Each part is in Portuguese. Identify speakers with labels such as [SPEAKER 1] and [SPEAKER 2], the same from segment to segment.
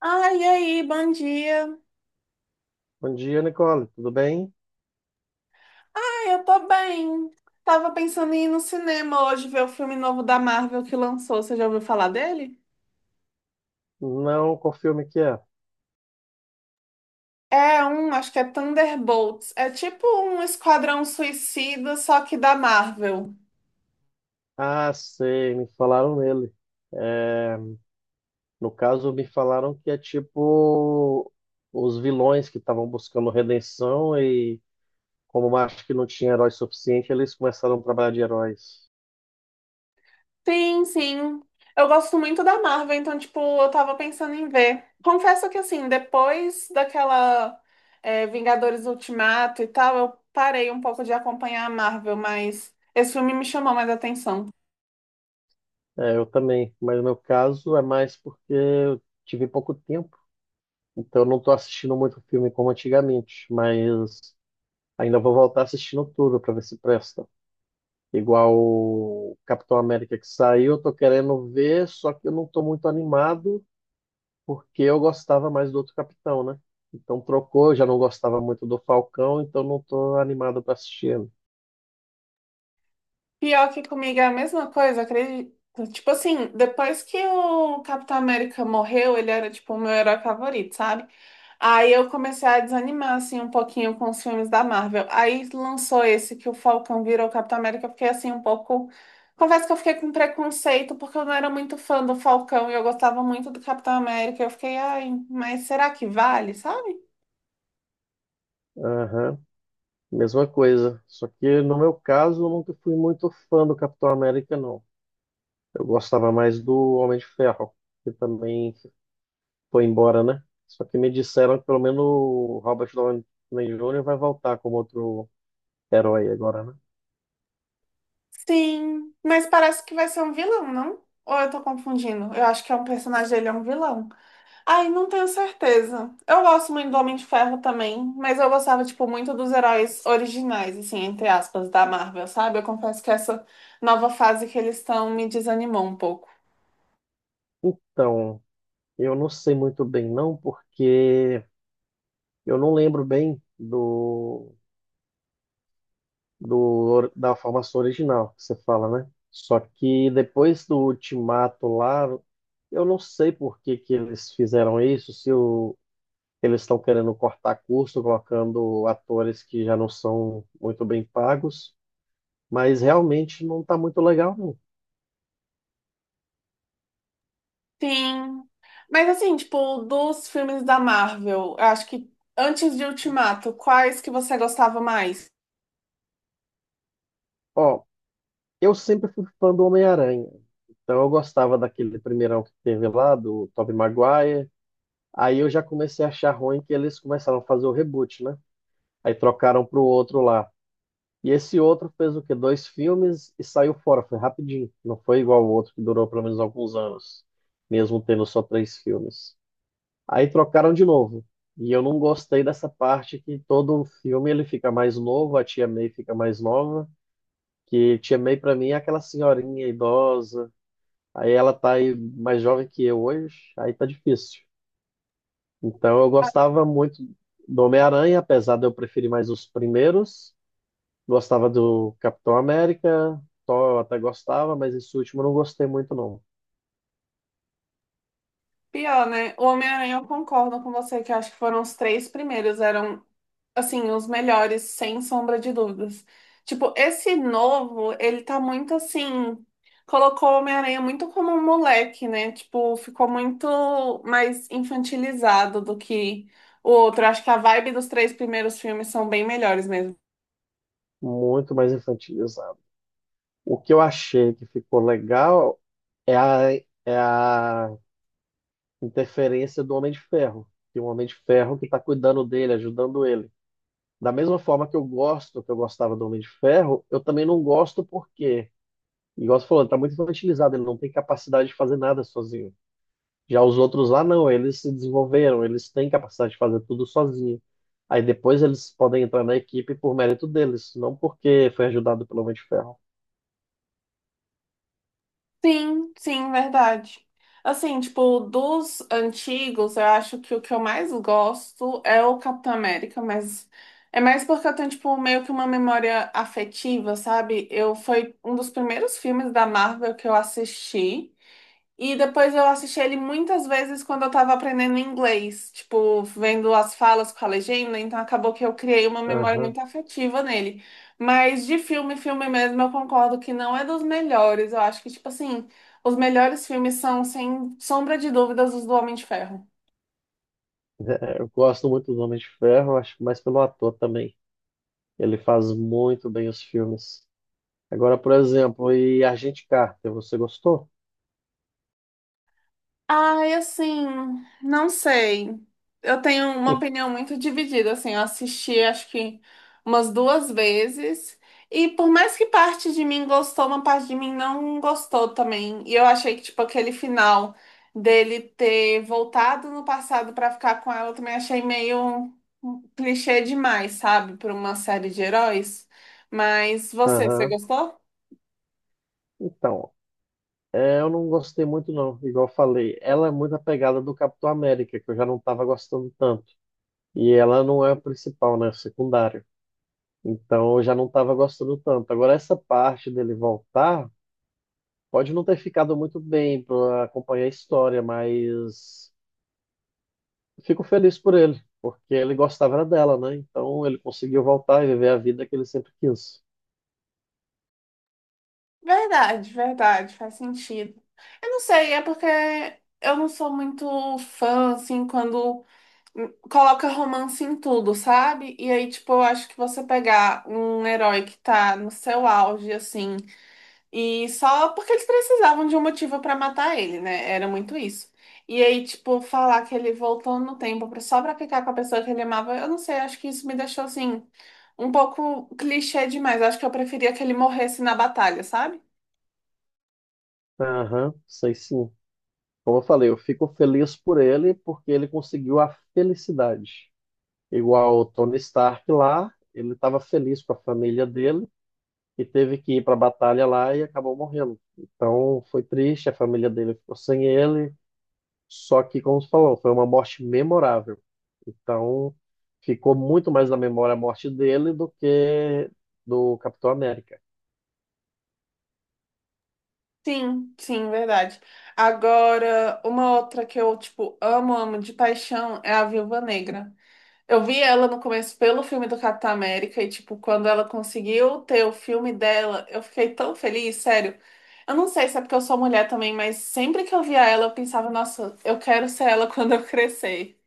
[SPEAKER 1] Ai, e aí, bom dia.
[SPEAKER 2] Bom dia, Nicole. Tudo bem?
[SPEAKER 1] Ai, eu tô bem. Tava pensando em ir no cinema hoje ver o filme novo da Marvel que lançou. Você já ouviu falar dele?
[SPEAKER 2] Não, qual filme que é?
[SPEAKER 1] É um, acho que é Thunderbolts. É tipo um Esquadrão Suicida, só que da Marvel.
[SPEAKER 2] Ah, sei, me falaram nele. É. No caso, me falaram que é tipo os vilões que estavam buscando redenção e como acho que não tinha herói suficiente, eles começaram a trabalhar de heróis.
[SPEAKER 1] Sim, sim. Eu gosto muito da Marvel, então, tipo, eu tava pensando em ver. Confesso que, assim, depois daquela Vingadores Ultimato e tal, eu parei um pouco de acompanhar a Marvel, mas esse filme me chamou mais atenção.
[SPEAKER 2] É, eu também, mas no meu caso é mais porque eu tive pouco tempo, então eu não estou assistindo muito filme como antigamente, mas ainda vou voltar assistindo tudo para ver se presta. Igual o Capitão América que saiu, eu tô querendo ver, só que eu não tô muito animado, porque eu gostava mais do outro Capitão, né? Então trocou, eu já não gostava muito do Falcão, então não tô animado para assistir ele.
[SPEAKER 1] Pior que comigo é a mesma coisa, acredito. Tipo assim, depois que o Capitão América morreu, ele era tipo o meu herói favorito, sabe? Aí eu comecei a desanimar assim um pouquinho com os filmes da Marvel. Aí lançou esse que o Falcão virou o Capitão América, eu fiquei assim um pouco. Confesso que eu fiquei com preconceito porque eu não era muito fã do Falcão e eu gostava muito do Capitão América. Eu fiquei, ai, mas será que vale, sabe?
[SPEAKER 2] Aham, mesma coisa. Só que no meu caso, eu nunca fui muito fã do Capitão América, não. Eu gostava mais do Homem de Ferro, que também foi embora, né? Só que me disseram que pelo menos o Robert Downey Jr. vai voltar como outro herói agora, né?
[SPEAKER 1] Sim, mas parece que vai ser um vilão, não? Ou eu tô confundindo? Eu acho que é um personagem dele, é um vilão. Ai, não tenho certeza. Eu gosto muito do Homem de Ferro também, mas eu gostava, tipo, muito dos heróis originais, assim, entre aspas, da Marvel, sabe? Eu confesso que essa nova fase que eles estão me desanimou um pouco.
[SPEAKER 2] Então, eu não sei muito bem, não, porque eu não lembro bem do, do da formação original que você fala, né? Só que depois do ultimato lá, eu não sei por que que eles fizeram isso, se o, eles estão querendo cortar custo, colocando atores que já não são muito bem pagos, mas realmente não está muito legal, não.
[SPEAKER 1] Sim. Mas assim, tipo, dos filmes da Marvel, eu acho que antes de Ultimato, quais que você gostava mais?
[SPEAKER 2] Ó, eu sempre fui fã do Homem-Aranha, então eu gostava daquele primeirão que teve lá, do Tobey Maguire. Aí eu já comecei a achar ruim que eles começaram a fazer o reboot, né? Aí trocaram para o outro lá. E esse outro fez o quê? Dois filmes e saiu fora. Foi rapidinho. Não foi igual o outro que durou pelo menos alguns anos, mesmo tendo só três filmes. Aí trocaram de novo. E eu não gostei dessa parte que todo filme ele fica mais novo, a Tia May fica mais nova. Que Tia May pra mim é aquela senhorinha idosa. Aí ela tá aí mais jovem que eu hoje. Aí tá difícil. Então eu gostava muito do Homem-Aranha, apesar de eu preferir mais os primeiros. Gostava do Capitão América, Thor eu até gostava, mas esse último eu não gostei muito não.
[SPEAKER 1] Pior, né? O Homem-Aranha, eu concordo com você, que eu acho que foram os três primeiros, eram assim, os melhores, sem sombra de dúvidas. Tipo, esse novo, ele tá muito assim. Colocou o Homem-Aranha muito como um moleque, né? Tipo, ficou muito mais infantilizado do que o outro. Acho que a vibe dos três primeiros filmes são bem melhores mesmo.
[SPEAKER 2] Muito mais infantilizado. O que eu achei que ficou legal é a, é a interferência do Homem de Ferro. Tem um Homem de Ferro que está cuidando dele, ajudando ele. Da mesma forma que eu gosto, que eu gostava do Homem de Ferro, eu também não gosto porque, igual você falou, ele está muito infantilizado, ele não tem capacidade de fazer nada sozinho. Já os outros lá não, eles se desenvolveram, eles têm capacidade de fazer tudo sozinho. Aí depois eles podem entrar na equipe por mérito deles, não porque foi ajudado pelo Homem de Ferro.
[SPEAKER 1] Sim, sim, verdade. Assim, tipo, dos antigos, eu acho que o que eu mais gosto é o Capitão América, mas é mais porque eu tenho, tipo, meio que uma memória afetiva, sabe? Eu foi um dos primeiros filmes da Marvel que eu assisti. E depois eu assisti ele muitas vezes quando eu tava aprendendo inglês, tipo, vendo as falas com a legenda, então acabou que eu criei uma memória
[SPEAKER 2] Aham.
[SPEAKER 1] muito afetiva nele. Mas de filme, filme mesmo, eu concordo que não é dos melhores. Eu acho que, tipo assim, os melhores filmes são, sem sombra de dúvidas, os do Homem de Ferro.
[SPEAKER 2] Eu gosto muito do Homem de Ferro, acho que mais pelo ator também. Ele faz muito bem os filmes. Agora, por exemplo, e Agente Carter, você gostou?
[SPEAKER 1] Ai, assim, não sei. Eu tenho uma opinião muito dividida, assim, eu assisti acho que umas duas vezes, e por mais que parte de mim gostou, uma parte de mim não gostou também. E eu achei que, tipo, aquele final dele ter voltado no passado pra ficar com ela, eu também achei meio clichê demais, sabe, para uma série de heróis. Mas você, você
[SPEAKER 2] Aham.
[SPEAKER 1] gostou?
[SPEAKER 2] Então, é, eu não gostei muito não, igual eu falei. Ela é muito apegada do Capitão América, que eu já não estava gostando tanto. E ela não é a principal, né? Secundária. Então eu já não estava gostando tanto. Agora, essa parte dele voltar pode não ter ficado muito bem para acompanhar a história, mas fico feliz por ele, porque ele gostava era dela, né? Então ele conseguiu voltar e viver a vida que ele sempre quis.
[SPEAKER 1] Verdade, verdade, faz sentido. Eu não sei, é porque eu não sou muito fã, assim, quando coloca romance em tudo, sabe? E aí, tipo, eu acho que você pegar um herói que tá no seu auge, assim, e só porque eles precisavam de um motivo pra matar ele, né? Era muito isso. E aí, tipo, falar que ele voltou no tempo só pra ficar com a pessoa que ele amava, eu não sei, acho que isso me deixou, assim, um pouco clichê demais. Eu acho que eu preferia que ele morresse na batalha, sabe?
[SPEAKER 2] Aham, sei sim. Como eu falei, eu fico feliz por ele porque ele conseguiu a felicidade. Igual o Tony Stark lá, ele estava feliz com a família dele e teve que ir para a batalha lá e acabou morrendo. Então foi triste, a família dele ficou sem ele, só que, como você falou, foi uma morte memorável. Então ficou muito mais na memória a morte dele do que do Capitão América.
[SPEAKER 1] Sim, sim, verdade. Agora, uma outra que eu, tipo, amo de paixão é a Viúva Negra. Eu vi ela no começo pelo filme do Capitão América e, tipo, quando ela conseguiu ter o filme dela, eu fiquei tão feliz, sério. Eu não sei se é porque eu sou mulher também, mas sempre que eu via ela, eu pensava, nossa, eu quero ser ela quando eu crescer.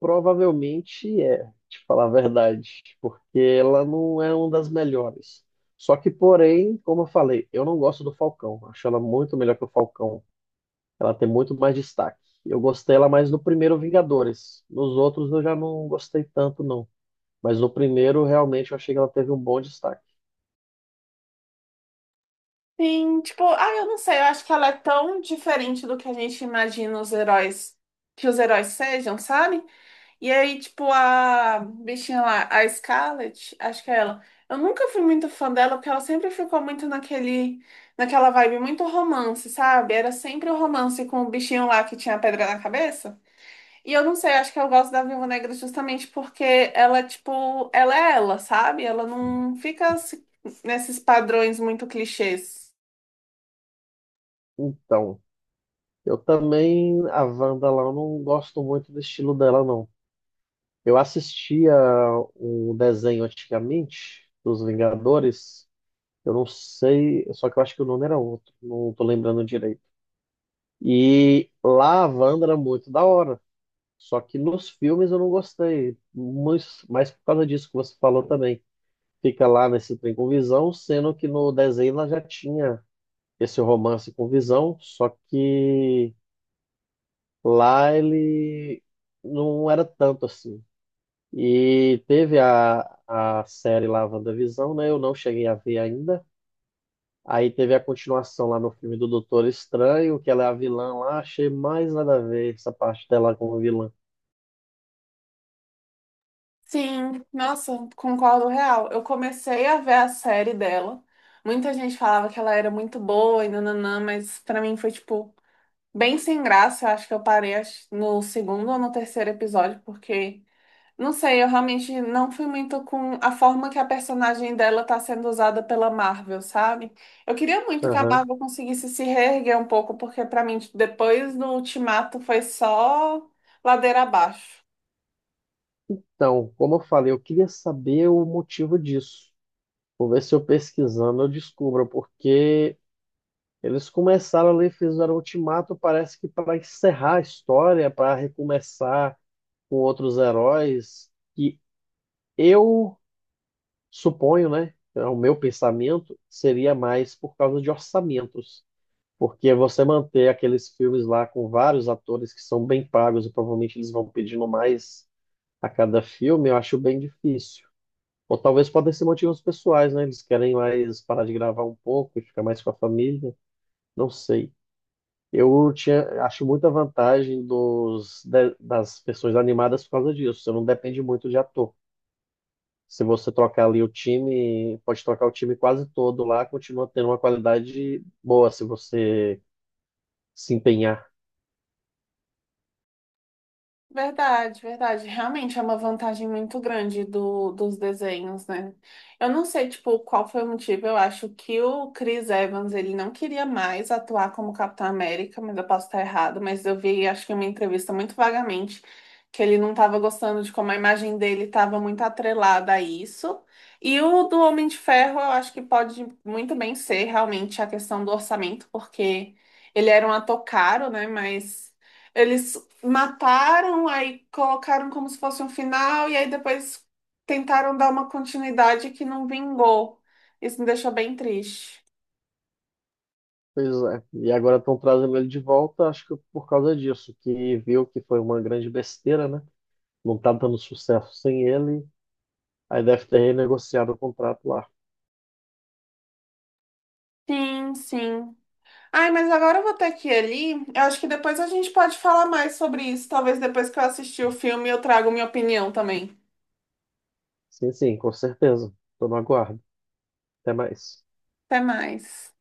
[SPEAKER 2] Provavelmente é, te falar a verdade, porque ela não é uma das melhores. Só que, porém, como eu falei, eu não gosto do Falcão. Acho ela muito melhor que o Falcão. Ela tem muito mais destaque. Eu gostei ela mais no primeiro Vingadores. Nos outros eu já não gostei tanto, não. Mas no primeiro, realmente, eu achei que ela teve um bom destaque.
[SPEAKER 1] Sim, tipo, ah, eu não sei, eu acho que ela é tão diferente do que a gente imagina os heróis, que os heróis sejam, sabe? E aí, tipo, a bichinha lá, a Scarlett, acho que é ela. Eu nunca fui muito fã dela, porque ela sempre ficou muito naquela vibe muito romance, sabe? Era sempre o romance com o bichinho lá que tinha a pedra na cabeça. E eu não sei, acho que eu gosto da Viúva Negra justamente porque ela, tipo, ela é ela, sabe? Ela não fica nesses padrões muito clichês.
[SPEAKER 2] Então, eu também, a Wanda lá, eu não gosto muito do estilo dela, não. Eu assistia um desenho antigamente, dos Vingadores. Eu não sei, só que eu acho que o nome era outro. Não tô lembrando direito. E lá a Wanda era muito da hora. Só que nos filmes eu não gostei, mas por causa disso que você falou também. Fica lá nesse trem com Visão, sendo que no desenho ela já tinha esse romance com Visão, só que lá ele não era tanto assim. E teve a série lá, WandaVisão, né? Eu não cheguei a ver ainda. Aí teve a continuação lá no filme do Doutor Estranho, que ela é a vilã lá. Achei mais nada a ver essa parte dela como vilã.
[SPEAKER 1] Sim, nossa, concordo real. Eu comecei a ver a série dela. Muita gente falava que ela era muito boa e nananã, mas pra mim foi tipo bem sem graça. Eu acho que eu parei acho, no segundo ou no terceiro episódio, porque não sei, eu realmente não fui muito com a forma que a personagem dela tá sendo usada pela Marvel, sabe? Eu queria muito que a
[SPEAKER 2] Aham.
[SPEAKER 1] Marvel conseguisse se reerguer um pouco, porque pra mim tipo, depois do Ultimato foi só ladeira abaixo.
[SPEAKER 2] Então, como eu falei, eu queria saber o motivo disso. Vou ver se eu pesquisando eu descubro, porque eles começaram ali, fizeram o ultimato, parece que para encerrar a história, para recomeçar com outros heróis, que eu suponho, né? É o meu pensamento seria mais por causa de orçamentos. Porque você manter aqueles filmes lá com vários atores que são bem pagos e provavelmente eles vão pedindo mais a cada filme, eu acho bem difícil. Ou talvez podem ser motivos pessoais, né? Eles querem mais parar de gravar um pouco e ficar mais com a família. Não sei. Eu tinha, acho muita vantagem das versões animadas por causa disso. Você não depende muito de ator. Se você trocar ali o time, pode trocar o time quase todo lá, continua tendo uma qualidade boa se você se empenhar.
[SPEAKER 1] Verdade, verdade. Realmente é uma vantagem muito grande dos desenhos, né? Eu não sei, tipo, qual foi o motivo. Eu acho que o Chris Evans, ele não queria mais atuar como Capitão América, mas eu posso estar errado, mas eu vi, acho que uma entrevista muito vagamente, que ele não estava gostando de como a imagem dele estava muito atrelada a isso. E o do Homem de Ferro, eu acho que pode muito bem ser realmente a questão do orçamento, porque ele era um ator caro, né? Mas... Eles mataram, aí colocaram como se fosse um final, e aí depois tentaram dar uma continuidade que não vingou. Isso me deixou bem triste.
[SPEAKER 2] Pois é. E agora estão trazendo ele de volta, acho que por causa disso, que viu que foi uma grande besteira, né? Não tá dando sucesso sem ele. Aí deve ter renegociado o contrato lá.
[SPEAKER 1] Sim, sim. Ai, mas agora eu vou ter que ir ali. Eu acho que depois a gente pode falar mais sobre isso. Talvez depois que eu assistir o filme eu trago minha opinião também.
[SPEAKER 2] Sim, sim, com certeza. Estou no aguardo. Até mais.
[SPEAKER 1] Até mais.